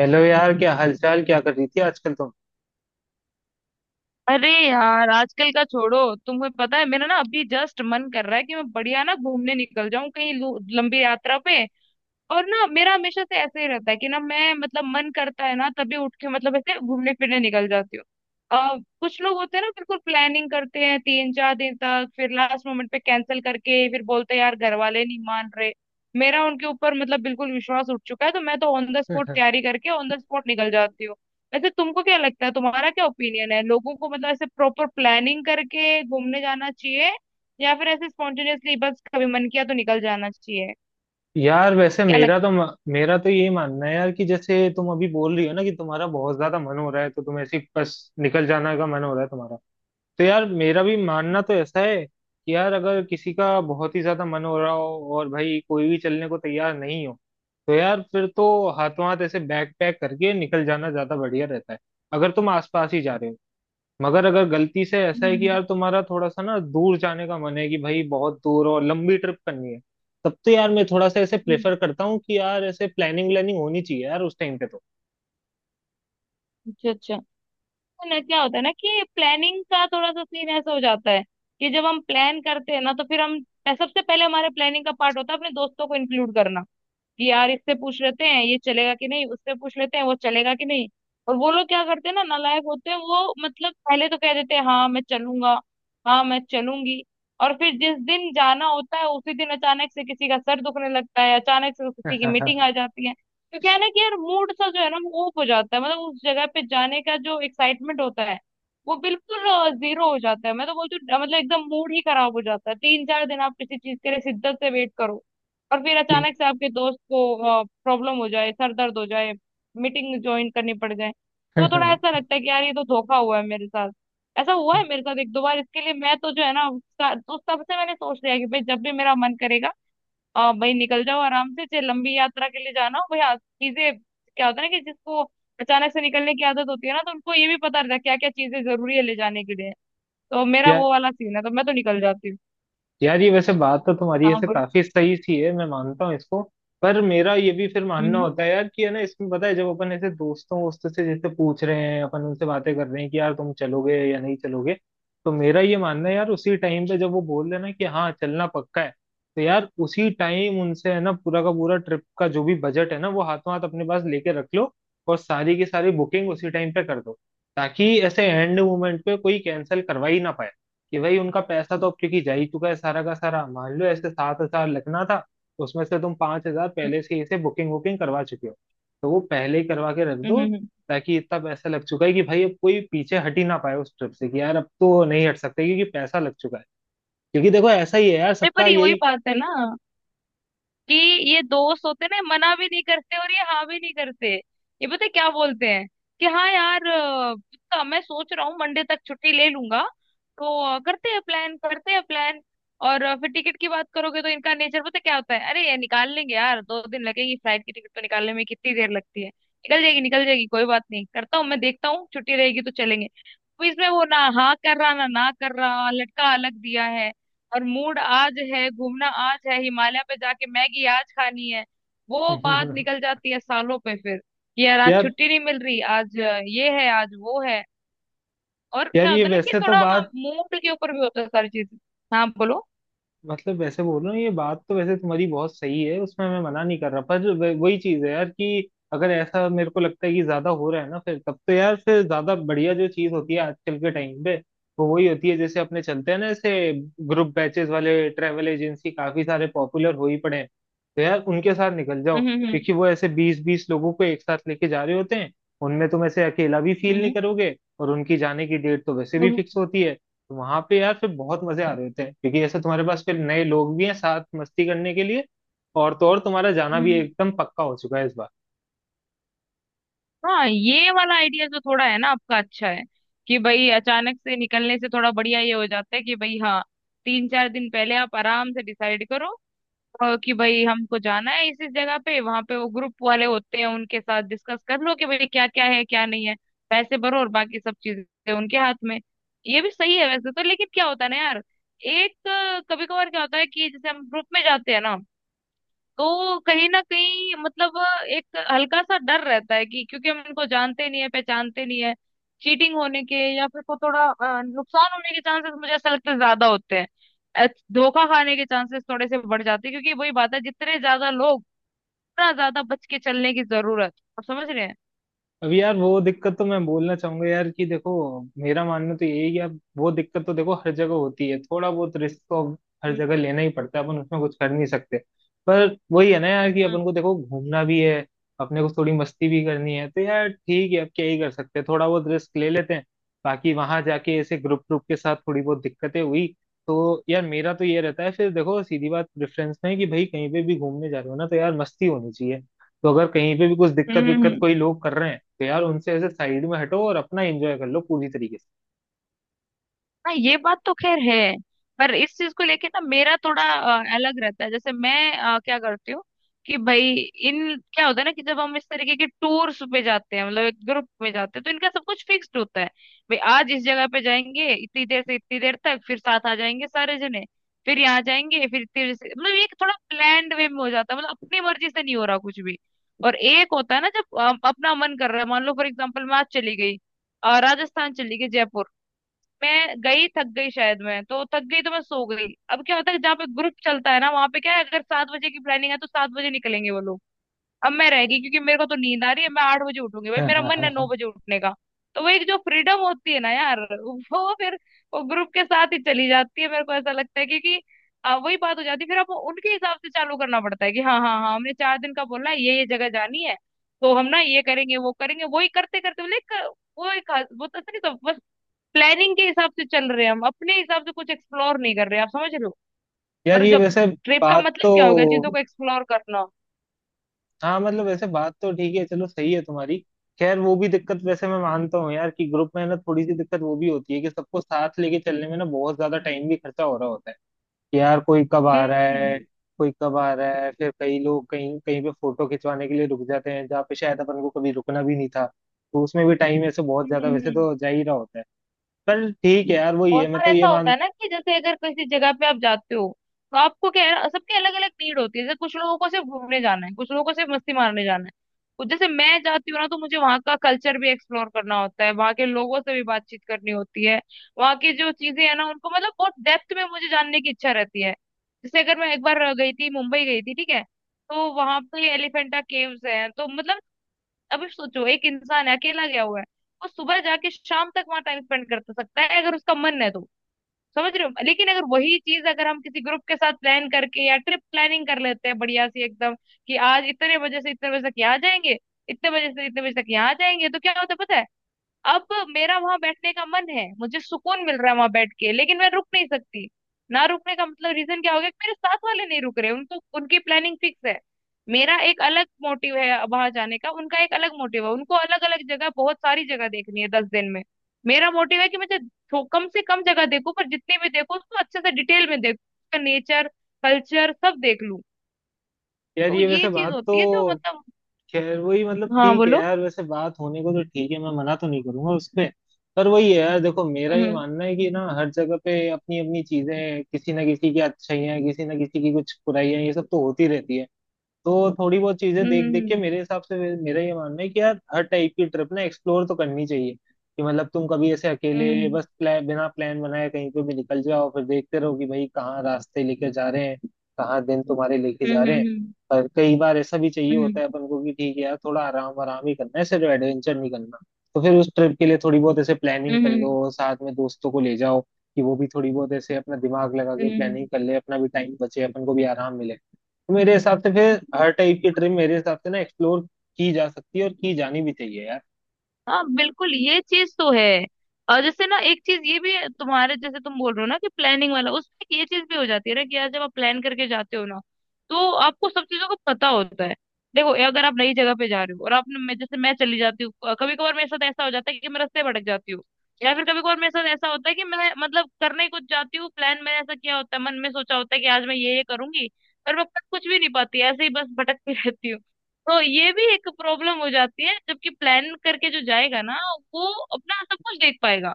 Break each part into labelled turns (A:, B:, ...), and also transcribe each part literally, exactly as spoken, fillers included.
A: Hello यार, क्या हालचाल? क्या कर रही थी आजकल तुम?
B: अरे यार आजकल का छोड़ो। तुम्हें पता है मेरा ना अभी जस्ट मन कर रहा है कि मैं बढ़िया ना घूमने निकल जाऊं कहीं लू- लंबी यात्रा पे। और ना मेरा हमेशा से ऐसे ही रहता है कि ना मैं मतलब मन करता है ना तभी उठ के मतलब ऐसे घूमने फिरने निकल जाती हूँ। अ, कुछ लोग होते हैं ना, बिल्कुल प्लानिंग करते हैं तीन चार दिन तक, फिर लास्ट मोमेंट पे कैंसिल करके फिर बोलते हैं यार घर वाले नहीं मान रहे। मेरा उनके ऊपर मतलब बिल्कुल विश्वास उठ चुका है, तो मैं तो ऑन द स्पॉट तैयारी करके ऑन द स्पॉट निकल जाती हूँ। वैसे तुमको क्या लगता है, तुम्हारा क्या ओपिनियन है, लोगों को मतलब ऐसे प्रॉपर प्लानिंग करके घूमने जाना चाहिए या फिर ऐसे स्पॉन्टेनियसली बस कभी मन किया तो निकल जाना चाहिए?
A: यार वैसे
B: क्या
A: मेरा
B: लगता
A: तो मेरा तो ये मानना है यार कि जैसे तुम अभी बोल रही हो ना कि तुम्हारा बहुत ज्यादा मन हो रहा है, तो तुम ऐसे ही बस निकल जाना का मन हो रहा है तुम्हारा। तो यार मेरा भी मानना
B: है?
A: तो ऐसा है कि यार अगर किसी का बहुत ही ज्यादा मन हो रहा हो और भाई कोई भी चलने को तैयार नहीं हो, तो यार फिर तो हाथों हाथ ऐसे बैग पैक करके निकल जाना ज्यादा बढ़िया रहता है, अगर तुम आसपास ही जा रहे हो। मगर अगर गलती से ऐसा
B: हम्म
A: है कि
B: हम्म,
A: यार तुम्हारा थोड़ा सा ना दूर जाने का मन है, कि भाई बहुत दूर और लंबी ट्रिप करनी है, तब तो यार मैं थोड़ा सा ऐसे प्रेफर
B: हम्म।
A: करता हूँ कि यार ऐसे प्लानिंग व्लानिंग होनी चाहिए यार उस टाइम पे तो।
B: अच्छा अच्छा। तो ना क्या होता है ना कि प्लानिंग का थोड़ा सा सीन ऐसा हो जाता है कि जब हम प्लान करते हैं ना तो फिर हम सबसे पहले, हमारे प्लानिंग का पार्ट होता है अपने दोस्तों को इंक्लूड करना, कि यार इससे पूछ लेते हैं ये चलेगा कि नहीं, उससे पूछ लेते हैं वो चलेगा कि नहीं। और वो लोग क्या करते हैं ना, नालायक होते हैं वो, मतलब पहले तो कह देते हैं हाँ मैं चलूंगा, हाँ मैं चलूंगी। और फिर जिस दिन जाना होता है उसी दिन अचानक से किसी का सर दुखने लगता है, अचानक से किसी की मीटिंग आ जाती है। तो क्या है ना कि यार, मूड सा जो है ना वो ऑफ हो जाता है, मतलब उस जगह पे जाने का जो एक्साइटमेंट होता है वो बिल्कुल जीरो हो जाता है। मैं तो बोलती हूँ, मतलब एकदम मूड ही खराब हो जाता है। तीन चार दिन आप किसी चीज के लिए शिद्दत से वेट करो और फिर
A: कि-
B: अचानक से आपके दोस्त को प्रॉब्लम हो जाए, सर दर्द हो जाए, मीटिंग ज्वाइन करनी पड़ जाए, तो थोड़ा ऐसा लगता है कि यार ये तो धोखा हुआ है मेरे साथ। ऐसा हुआ है मेरे साथ एक दो बार, इसके लिए मैं तो जो है ना उसका- तो तब से मैंने सोच लिया कि भाई जब भी मेरा मन करेगा, अ, भाई निकल जाओ आराम से, चाहे लंबी यात्रा के लिए जाना हो। भाई आ- चीजें, क्या होता है ना कि जिसको अचानक से निकलने की आदत होती है ना, तो उनको ये भी पता रहता है क्या क्या चीजें जरूरी है ले जाने के लिए। तो मेरा
A: यार
B: वो वाला सीन है, तो मैं तो निकल जाती हूँ।
A: यार ये वैसे बात तो तुम्हारी
B: हाँ
A: ऐसे
B: बोल।
A: काफी सही सी है, मैं मानता हूँ इसको। पर मेरा ये भी फिर
B: हम्म
A: मानना
B: हम्म
A: होता है यार कि है ना, इसमें पता है जब अपन ऐसे दोस्तों वोस्तों से जैसे पूछ रहे हैं, अपन उनसे बातें कर रहे हैं कि यार तुम चलोगे या नहीं चलोगे, तो मेरा ये मानना है यार, उसी टाइम पे जब वो बोल रहे हैं ना कि हाँ चलना पक्का है, तो यार उसी टाइम उनसे है ना पूरा का पूरा ट्रिप का जो भी बजट है ना, वो हाथों हाथ अपने पास लेके रख लो, और सारी की सारी बुकिंग उसी टाइम पे कर दो, ताकि ऐसे एंड मोमेंट पे कोई कैंसिल करवा ही ना पाए। कि भाई उनका पैसा तो अब क्योंकि जा ही चुका है सारा का सारा, मान लो ऐसे सात हजार लगना था, उसमें से तुम पांच हजार पहले से इसे बुकिंग वुकिंग करवा चुके हो, तो वो पहले ही करवा के रख
B: हम्म
A: दो,
B: हम्म, हम्म।
A: ताकि इतना पैसा लग चुका है कि भाई अब कोई पीछे हट ही ना पाए उस ट्रिप से, कि यार अब तो नहीं हट सकते क्योंकि पैसा लग चुका है। क्योंकि देखो ऐसा ही है यार
B: नहीं,
A: सबका
B: पर ये वही
A: यही।
B: बात है ना कि ये दोस्त होते ना, मना भी नहीं करते और ये हाँ भी नहीं करते। ये पता है क्या बोलते हैं कि हाँ यार, अ, पक्का मैं सोच रहा हूँ मंडे तक छुट्टी ले लूंगा। तो अ, करते हैं प्लान, करते हैं प्लान। और अ, फिर टिकट की बात करोगे तो इनका नेचर पता है क्या होता है, अरे ये निकाल लेंगे यार, दो दिन लगेगी फ्लाइट की टिकट, तो निकालने में कितनी देर लगती है, निकल जाएगी निकल जाएगी, कोई बात नहीं, करता हूँ मैं, देखता हूँ छुट्टी रहेगी तो चलेंगे। तो इसमें वो ना हाँ कर रहा ना ना कर रहा, लटका अलग दिया है। और मूड आज है, घूमना आज है, हिमालय पे जाके मैगी आज खानी है। वो बात निकल जाती है सालों पे फिर, कि यार आज
A: यार
B: छुट्टी नहीं मिल रही, आज अ, ये है, आज वो है। और
A: यार
B: क्या
A: ये
B: होता है ना कि
A: वैसे तो
B: थोड़ा
A: बात
B: मूड के ऊपर भी होता है सारी चीज। हाँ बोलो।
A: मतलब वैसे बोल रहा हूँ, ये बात तो वैसे तुम्हारी बहुत सही है, उसमें मैं मना नहीं कर रहा, पर जो वे- वही चीज है यार कि अगर ऐसा मेरे को लगता है कि ज्यादा हो रहा है ना, फिर तब तो यार फिर ज्यादा बढ़िया जो चीज होती है आजकल के टाइम पे, वो वही होती है जैसे अपने चलते हैं ना ऐसे, ग्रुप बैचेस वाले ट्रेवल एजेंसी काफी सारे पॉपुलर हो ही पड़े हैं। तो यार उनके साथ निकल जाओ,
B: हम्म हम्म हम्म
A: क्योंकि वो ऐसे बीस बीस लोगों को एक साथ लेके जा रहे होते हैं। उनमें तुम ऐसे अकेला भी फील नहीं
B: हम्म
A: करोगे, और उनकी जाने की डेट तो वैसे भी
B: हम्म,
A: फिक्स होती है। तो वहां पे यार फिर बहुत मजे आ रहे होते हैं, क्योंकि ऐसे तुम्हारे पास फिर नए लोग भी हैं साथ मस्ती करने के लिए, और तो और तुम्हारा जाना भी
B: हम्म।
A: एकदम पक्का हो चुका है इस बार।
B: हाँ ये वाला आइडिया जो थोड़ा है ना आपका, अच्छा है कि भाई अचानक से निकलने से थोड़ा बढ़िया ये हो जाता है कि भाई हाँ, तीन चार दिन पहले आप आराम से डिसाइड करो अ, कि भाई हमको जाना है इस इस जगह पे, वहां पे वो ग्रुप वाले होते हैं, उनके साथ डिस्कस कर लो कि भाई क्या क्या है क्या नहीं है, पैसे भरो और बाकी सब चीजें उनके हाथ में। ये भी सही है वैसे तो, लेकिन क्या होता है ना यार, एक कभी कभार क्या होता है कि जैसे हम ग्रुप में जाते हैं ना, तो कहीं ना कहीं मतलब एक हल्का सा डर रहता है, कि क्योंकि हम इनको जानते नहीं है, पहचानते नहीं है। चीटिंग होने के या फिर को थोड़ा अ, नुकसान होने के चांसेस मुझे ऐसा लगता है ज्यादा होते हैं। अ, धोखा खाने के चांसेस थोड़े से बढ़ जाते हैं, क्योंकि वही बात है, जितने ज्यादा लोग उतना ज्यादा बच के चलने की जरूरत, आप समझ रहे हैं?
A: अभी यार वो दिक्कत तो मैं बोलना चाहूंगा यार कि देखो, मेरा मानना तो यही है कि यार वो दिक्कत तो देखो हर जगह होती है, थोड़ा बहुत रिस्क तो अब हर
B: हम्म
A: जगह लेना ही पड़ता है, अपन उसमें कुछ कर नहीं सकते। पर वही है ना यार, कि
B: हम्म
A: अपन को देखो घूमना भी है, अपने को थोड़ी मस्ती भी करनी है, तो यार ठीक है, अब क्या ही कर सकते हैं, थोड़ा बहुत रिस्क ले लेते हैं। बाकी वहां जाके ऐसे ग्रुप ग्रुप के साथ थोड़ी बहुत दिक्कतें हुई तो यार मेरा तो ये रहता है, फिर देखो सीधी बात प्रेफरेंस में है कि भाई कहीं पे भी घूमने जा रहे हो ना, तो यार मस्ती होनी चाहिए। तो अगर कहीं पे भी कुछ दिक्कत
B: हम्म,
A: विक्कत
B: हम्म।
A: कोई लोग कर रहे हैं, तो यार उनसे ऐसे साइड में हटो और अपना एंजॉय कर लो पूरी तरीके से।
B: हाँ ये बात तो खैर है। पर इस चीज को लेके ना मेरा थोड़ा अ, अलग रहता है। जैसे मैं अ, क्या करती हूँ कि भाई, इन क्या होता है ना कि जब हम इस तरीके के टूर्स पे जाते हैं, मतलब एक ग्रुप में जाते हैं, तो इनका सब कुछ फिक्स्ड होता है। भाई आज इस जगह पे जाएंगे इतनी देर से इतनी देर तक, फिर साथ आ जाएंगे सारे जने, फिर यहाँ जाएंगे फिर इतनी देर से, मतलब ये थोड़ा प्लान्ड वे में हो जाता है, मतलब अपनी मर्जी से नहीं हो रहा कुछ भी। और एक होता है ना जब अ, अपना मन कर रहा है, मान लो फॉर एग्जाम्पल मैं आज चली गई, अ, राजस्थान चली गई, जयपुर। मैं गई, थक गई शायद, मैं तो थक गई तो मैं सो गई। अब क्या होता है, जहाँ पे ग्रुप चलता है ना वहां पे क्या है, अगर सात बजे की प्लानिंग है तो सात बजे निकलेंगे वो लोग। अब मैं रह गई क्योंकि मेरे को तो नींद आ रही है, मैं आठ बजे उठूंगी, भाई
A: हाँ,
B: मेरा
A: हाँ, हाँ,
B: मन है नौ
A: हाँ।
B: बजे उठने का। तो वो एक जो फ्रीडम होती है ना यार, वो फिर वो ग्रुप के साथ ही चली जाती है, मेरे को ऐसा लगता है, क्योंकि आ, वही बात हो जाती है, फिर आपको उनके हिसाब से चालू करना पड़ता है कि हाँ हाँ हाँ, हमने चार दिन का बोला है, ये ये जगह जानी है, तो हम ना ये करेंगे वो करेंगे, वही करते करते मतलब एक- वो एक, वो तो ऐसा नहीं, सब प्लानिंग के हिसाब से चल रहे हैं हम, अपने हिसाब से कुछ एक्सप्लोर नहीं कर रहे, आप समझ रहे हो?
A: यार
B: और
A: ये
B: जब
A: वैसे
B: ट्रिप का
A: बात
B: मतलब
A: तो
B: क्या हो गया, चीजों को एक्सप्लोर करना।
A: हाँ, मतलब वैसे बात तो ठीक है, चलो सही है तुम्हारी। खैर वो भी दिक्कत वैसे मैं मानता हूँ यार, कि ग्रुप में ना थोड़ी सी दिक्कत वो भी होती है कि सबको साथ लेके चलने में ना बहुत ज्यादा टाइम भी खर्चा हो रहा होता है, कि यार कोई कब आ
B: हम्म
A: रहा
B: हम्म
A: है, कोई कब आ रहा है, फिर कई लोग कहीं कहीं पे फोटो खिंचवाने के लिए रुक जाते हैं जहाँ पे शायद अपन को कभी रुकना भी नहीं था, तो उसमें भी टाइम ऐसे बहुत
B: हम्म,
A: ज्यादा वैसे
B: हम्म।
A: तो जा ही रहा होता है। पर ठीक है यार, वही
B: बहुत
A: है, मैं
B: बार
A: तो ये
B: ऐसा होता
A: मान,
B: है ना कि जैसे अगर किसी जगह पे आप जाते हो, तो आपको क्या है, सबकी अलग अलग नीड होती है, जैसे कुछ लोगों को सिर्फ घूमने जाना है, कुछ लोगों को सिर्फ मस्ती मारने जाना है। तो जैसे मैं जाती हूँ ना, तो मुझे वहाँ का कल्चर भी एक्सप्लोर करना होता है, वहाँ के लोगों से भी बातचीत करनी होती है, वहाँ की जो चीजें है ना उनको मतलब बहुत डेप्थ में मुझे जानने की इच्छा रहती है। जैसे अगर मैं एक बार गई थी, मुंबई गई थी, ठीक है, तो वहां पे एलिफेंटा केव्स हैं, तो मतलब अभी सोचो, एक इंसान है अकेला गया हुआ है, वो सुबह जाके शाम तक वहां टाइम स्पेंड कर सकता है अगर उसका मन है तो, समझ रहे हो? लेकिन अगर वही चीज अगर हम किसी ग्रुप के साथ प्लान करके या ट्रिप प्लानिंग कर लेते हैं बढ़िया सी एकदम, कि आज इतने बजे से इतने बजे तक यहाँ जाएंगे, इतने बजे से इतने बजे तक यहाँ जाएंगे, तो क्या होता है पता है, अब मेरा वहां बैठने का मन है, मुझे सुकून मिल रहा है वहां बैठ के, लेकिन मैं रुक नहीं सकती। ना रुकने का मतलब रीजन क्या हो गया, कि मेरे साथ वाले नहीं रुक रहे, उनको उनकी प्लानिंग फिक्स है। मेरा एक अलग मोटिव है वहां जाने का, उनका एक अलग मोटिव है, उनको अलग अलग जगह, बहुत सारी जगह देखनी है दस दिन में। मेरा मोटिव है कि मुझे थो- कम से कम जगह देखूं, पर जितनी भी देखूं उसको अच्छे से डिटेल में देखूं, उसका नेचर, कल्चर सब देख लूं।
A: यार
B: तो
A: ये
B: ये
A: वैसे
B: चीज
A: बात
B: होती है जो
A: तो
B: मतलब।
A: खैर वही, मतलब
B: हाँ
A: ठीक है
B: बोलो।
A: यार, वैसे बात होने को तो ठीक है, मैं मना तो नहीं करूंगा उस पे। पर वही है यार, देखो मेरा ये
B: हम्म
A: मानना है कि ना हर जगह पे अपनी अपनी चीजें, किसी ना किसी की अच्छाई है, किसी ना किसी की कुछ बुराइयां, ये सब तो होती रहती है। तो थोड़ी बहुत चीजें
B: हम्म
A: देख देख
B: हम्म
A: के मेरे हिसाब से, मे- मेरा ये मानना है कि यार हर टाइप की ट्रिप ना एक्सप्लोर तो करनी चाहिए, कि मतलब तुम कभी ऐसे अकेले
B: हम्म
A: बस प्लान, बिना प्लान बनाए कहीं पे भी निकल जाओ, फिर देखते रहो कि भाई कहाँ रास्ते लेके जा रहे हैं, कहाँ दिन तुम्हारे लेके
B: हम्म
A: जा
B: हम्म
A: रहे हैं।
B: हम्म हम्म,
A: और कई बार ऐसा भी चाहिए
B: हम्म,
A: होता
B: हम्म।
A: है अपन को कि ठीक है यार, थोड़ा आराम आराम ही करना है, सिर्फ एडवेंचर नहीं करना, तो फिर उस ट्रिप के लिए थोड़ी बहुत ऐसे प्लानिंग
B: हम्म
A: कर
B: हम्म,
A: लो, साथ में दोस्तों को ले जाओ, कि वो भी थोड़ी बहुत ऐसे अपना दिमाग लगा के प्लानिंग
B: हम्म।
A: कर ले, अपना भी टाइम बचे, अपन को भी आराम मिले। तो मेरे हिसाब से फिर हर टाइप की ट्रिम मेरे हिसाब से ना एक्सप्लोर की जा सकती है, और की जानी भी चाहिए यार।
B: हाँ बिल्कुल ये चीज तो है। और जैसे ना एक चीज ये भी है, तुम्हारे जैसे तुम बोल रहे हो ना कि प्लानिंग वाला, उसमें एक ये चीज भी हो जाती है ना कि यार जब आप प्लान करके जाते हो ना, तो आपको सब चीजों का पता होता है। देखो ये अगर आप नई जगह पे जा रहे हो, और आपने, मैं जैसे, मैं चली जाती हूँ कभी कभार, मेरे साथ ऐसा हो जाता है कि मैं रास्ते भटक जाती हूँ। या फिर कभी कभार मेरे साथ ऐसा होता है कि मैं मतलब करने ही कुछ जाती हूँ, प्लान मैंने ऐसा किया होता है, मन में सोचा होता है कि आज मैं ये ये करूंगी, पर मैं कर कुछ भी नहीं पाती, ऐसे ही बस भटकती रहती हूँ। तो ये भी एक प्रॉब्लम हो जाती है, जबकि प्लान करके जो जाएगा ना वो अपना सब कुछ देख पाएगा।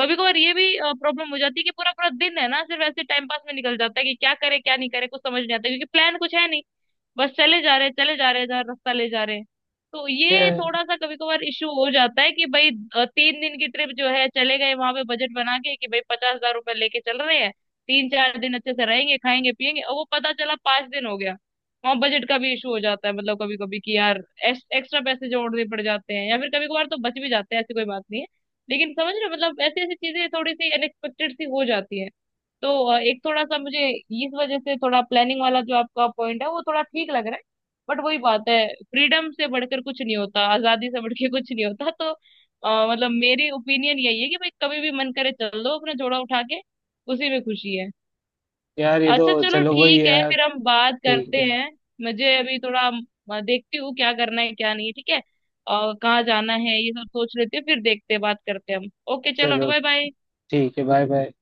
B: कभी कभार ये भी प्रॉब्लम हो जाती है कि पूरा पूरा दिन है ना सिर्फ ऐसे टाइम पास में निकल जाता है, कि क्या करे क्या नहीं करे कुछ समझ नहीं आता, क्योंकि प्लान कुछ है नहीं, बस चले जा रहे चले जा रहे जहाँ रास्ता ले जा रहे। तो
A: ठीक
B: ये
A: है
B: थोड़ा सा कभी कभार इश्यू हो जाता है कि भाई, अ, तीन दिन की ट्रिप जो है, चले गए वहां पे बजट बना के कि भाई पचास हजार रुपए लेके चल रहे हैं, तीन चार दिन अच्छे से रहेंगे खाएंगे पिएंगे, और वो पता चला पांच दिन हो गया। वहाँ बजट का भी इशू हो जाता है, मतलब कभी कभी कि यार एक्स्ट्रा पैसे जोड़ने पड़ जाते हैं, या फिर कभी कभार तो बच भी जाते हैं, ऐसी कोई बात नहीं है। लेकिन समझ रहे हो, मतलब ऐसी ऐसी चीजें थोड़ी सी अनएक्सपेक्टेड सी हो जाती है। तो अ, एक थोड़ा सा मुझे, इस वजह से थोड़ा प्लानिंग वाला जो आपका पॉइंट है वो थोड़ा ठीक लग रहा है। बट वही बात है, फ्रीडम से बढ़कर कुछ नहीं होता, आजादी से बढ़कर कुछ नहीं होता, तो अ, मतलब मेरी ओपिनियन यही है कि भाई कभी भी मन करे चल दो अपना जोड़ा उठा के, उसी में खुशी है।
A: यार, ये तो
B: अच्छा चलो
A: चलो वही है
B: ठीक है,
A: यार।
B: फिर हम बात
A: ठीक
B: करते
A: है,
B: हैं। मुझे अभी थोड़ा, अ, देखती हूँ क्या करना है क्या नहीं, ठीक है, और कहाँ जाना है ये सब सोच लेते हैं, फिर देखते हैं बात करते हैं हम। ओके चलो,
A: चलो,
B: बाय बाय।
A: ठीक है, बाय बाय।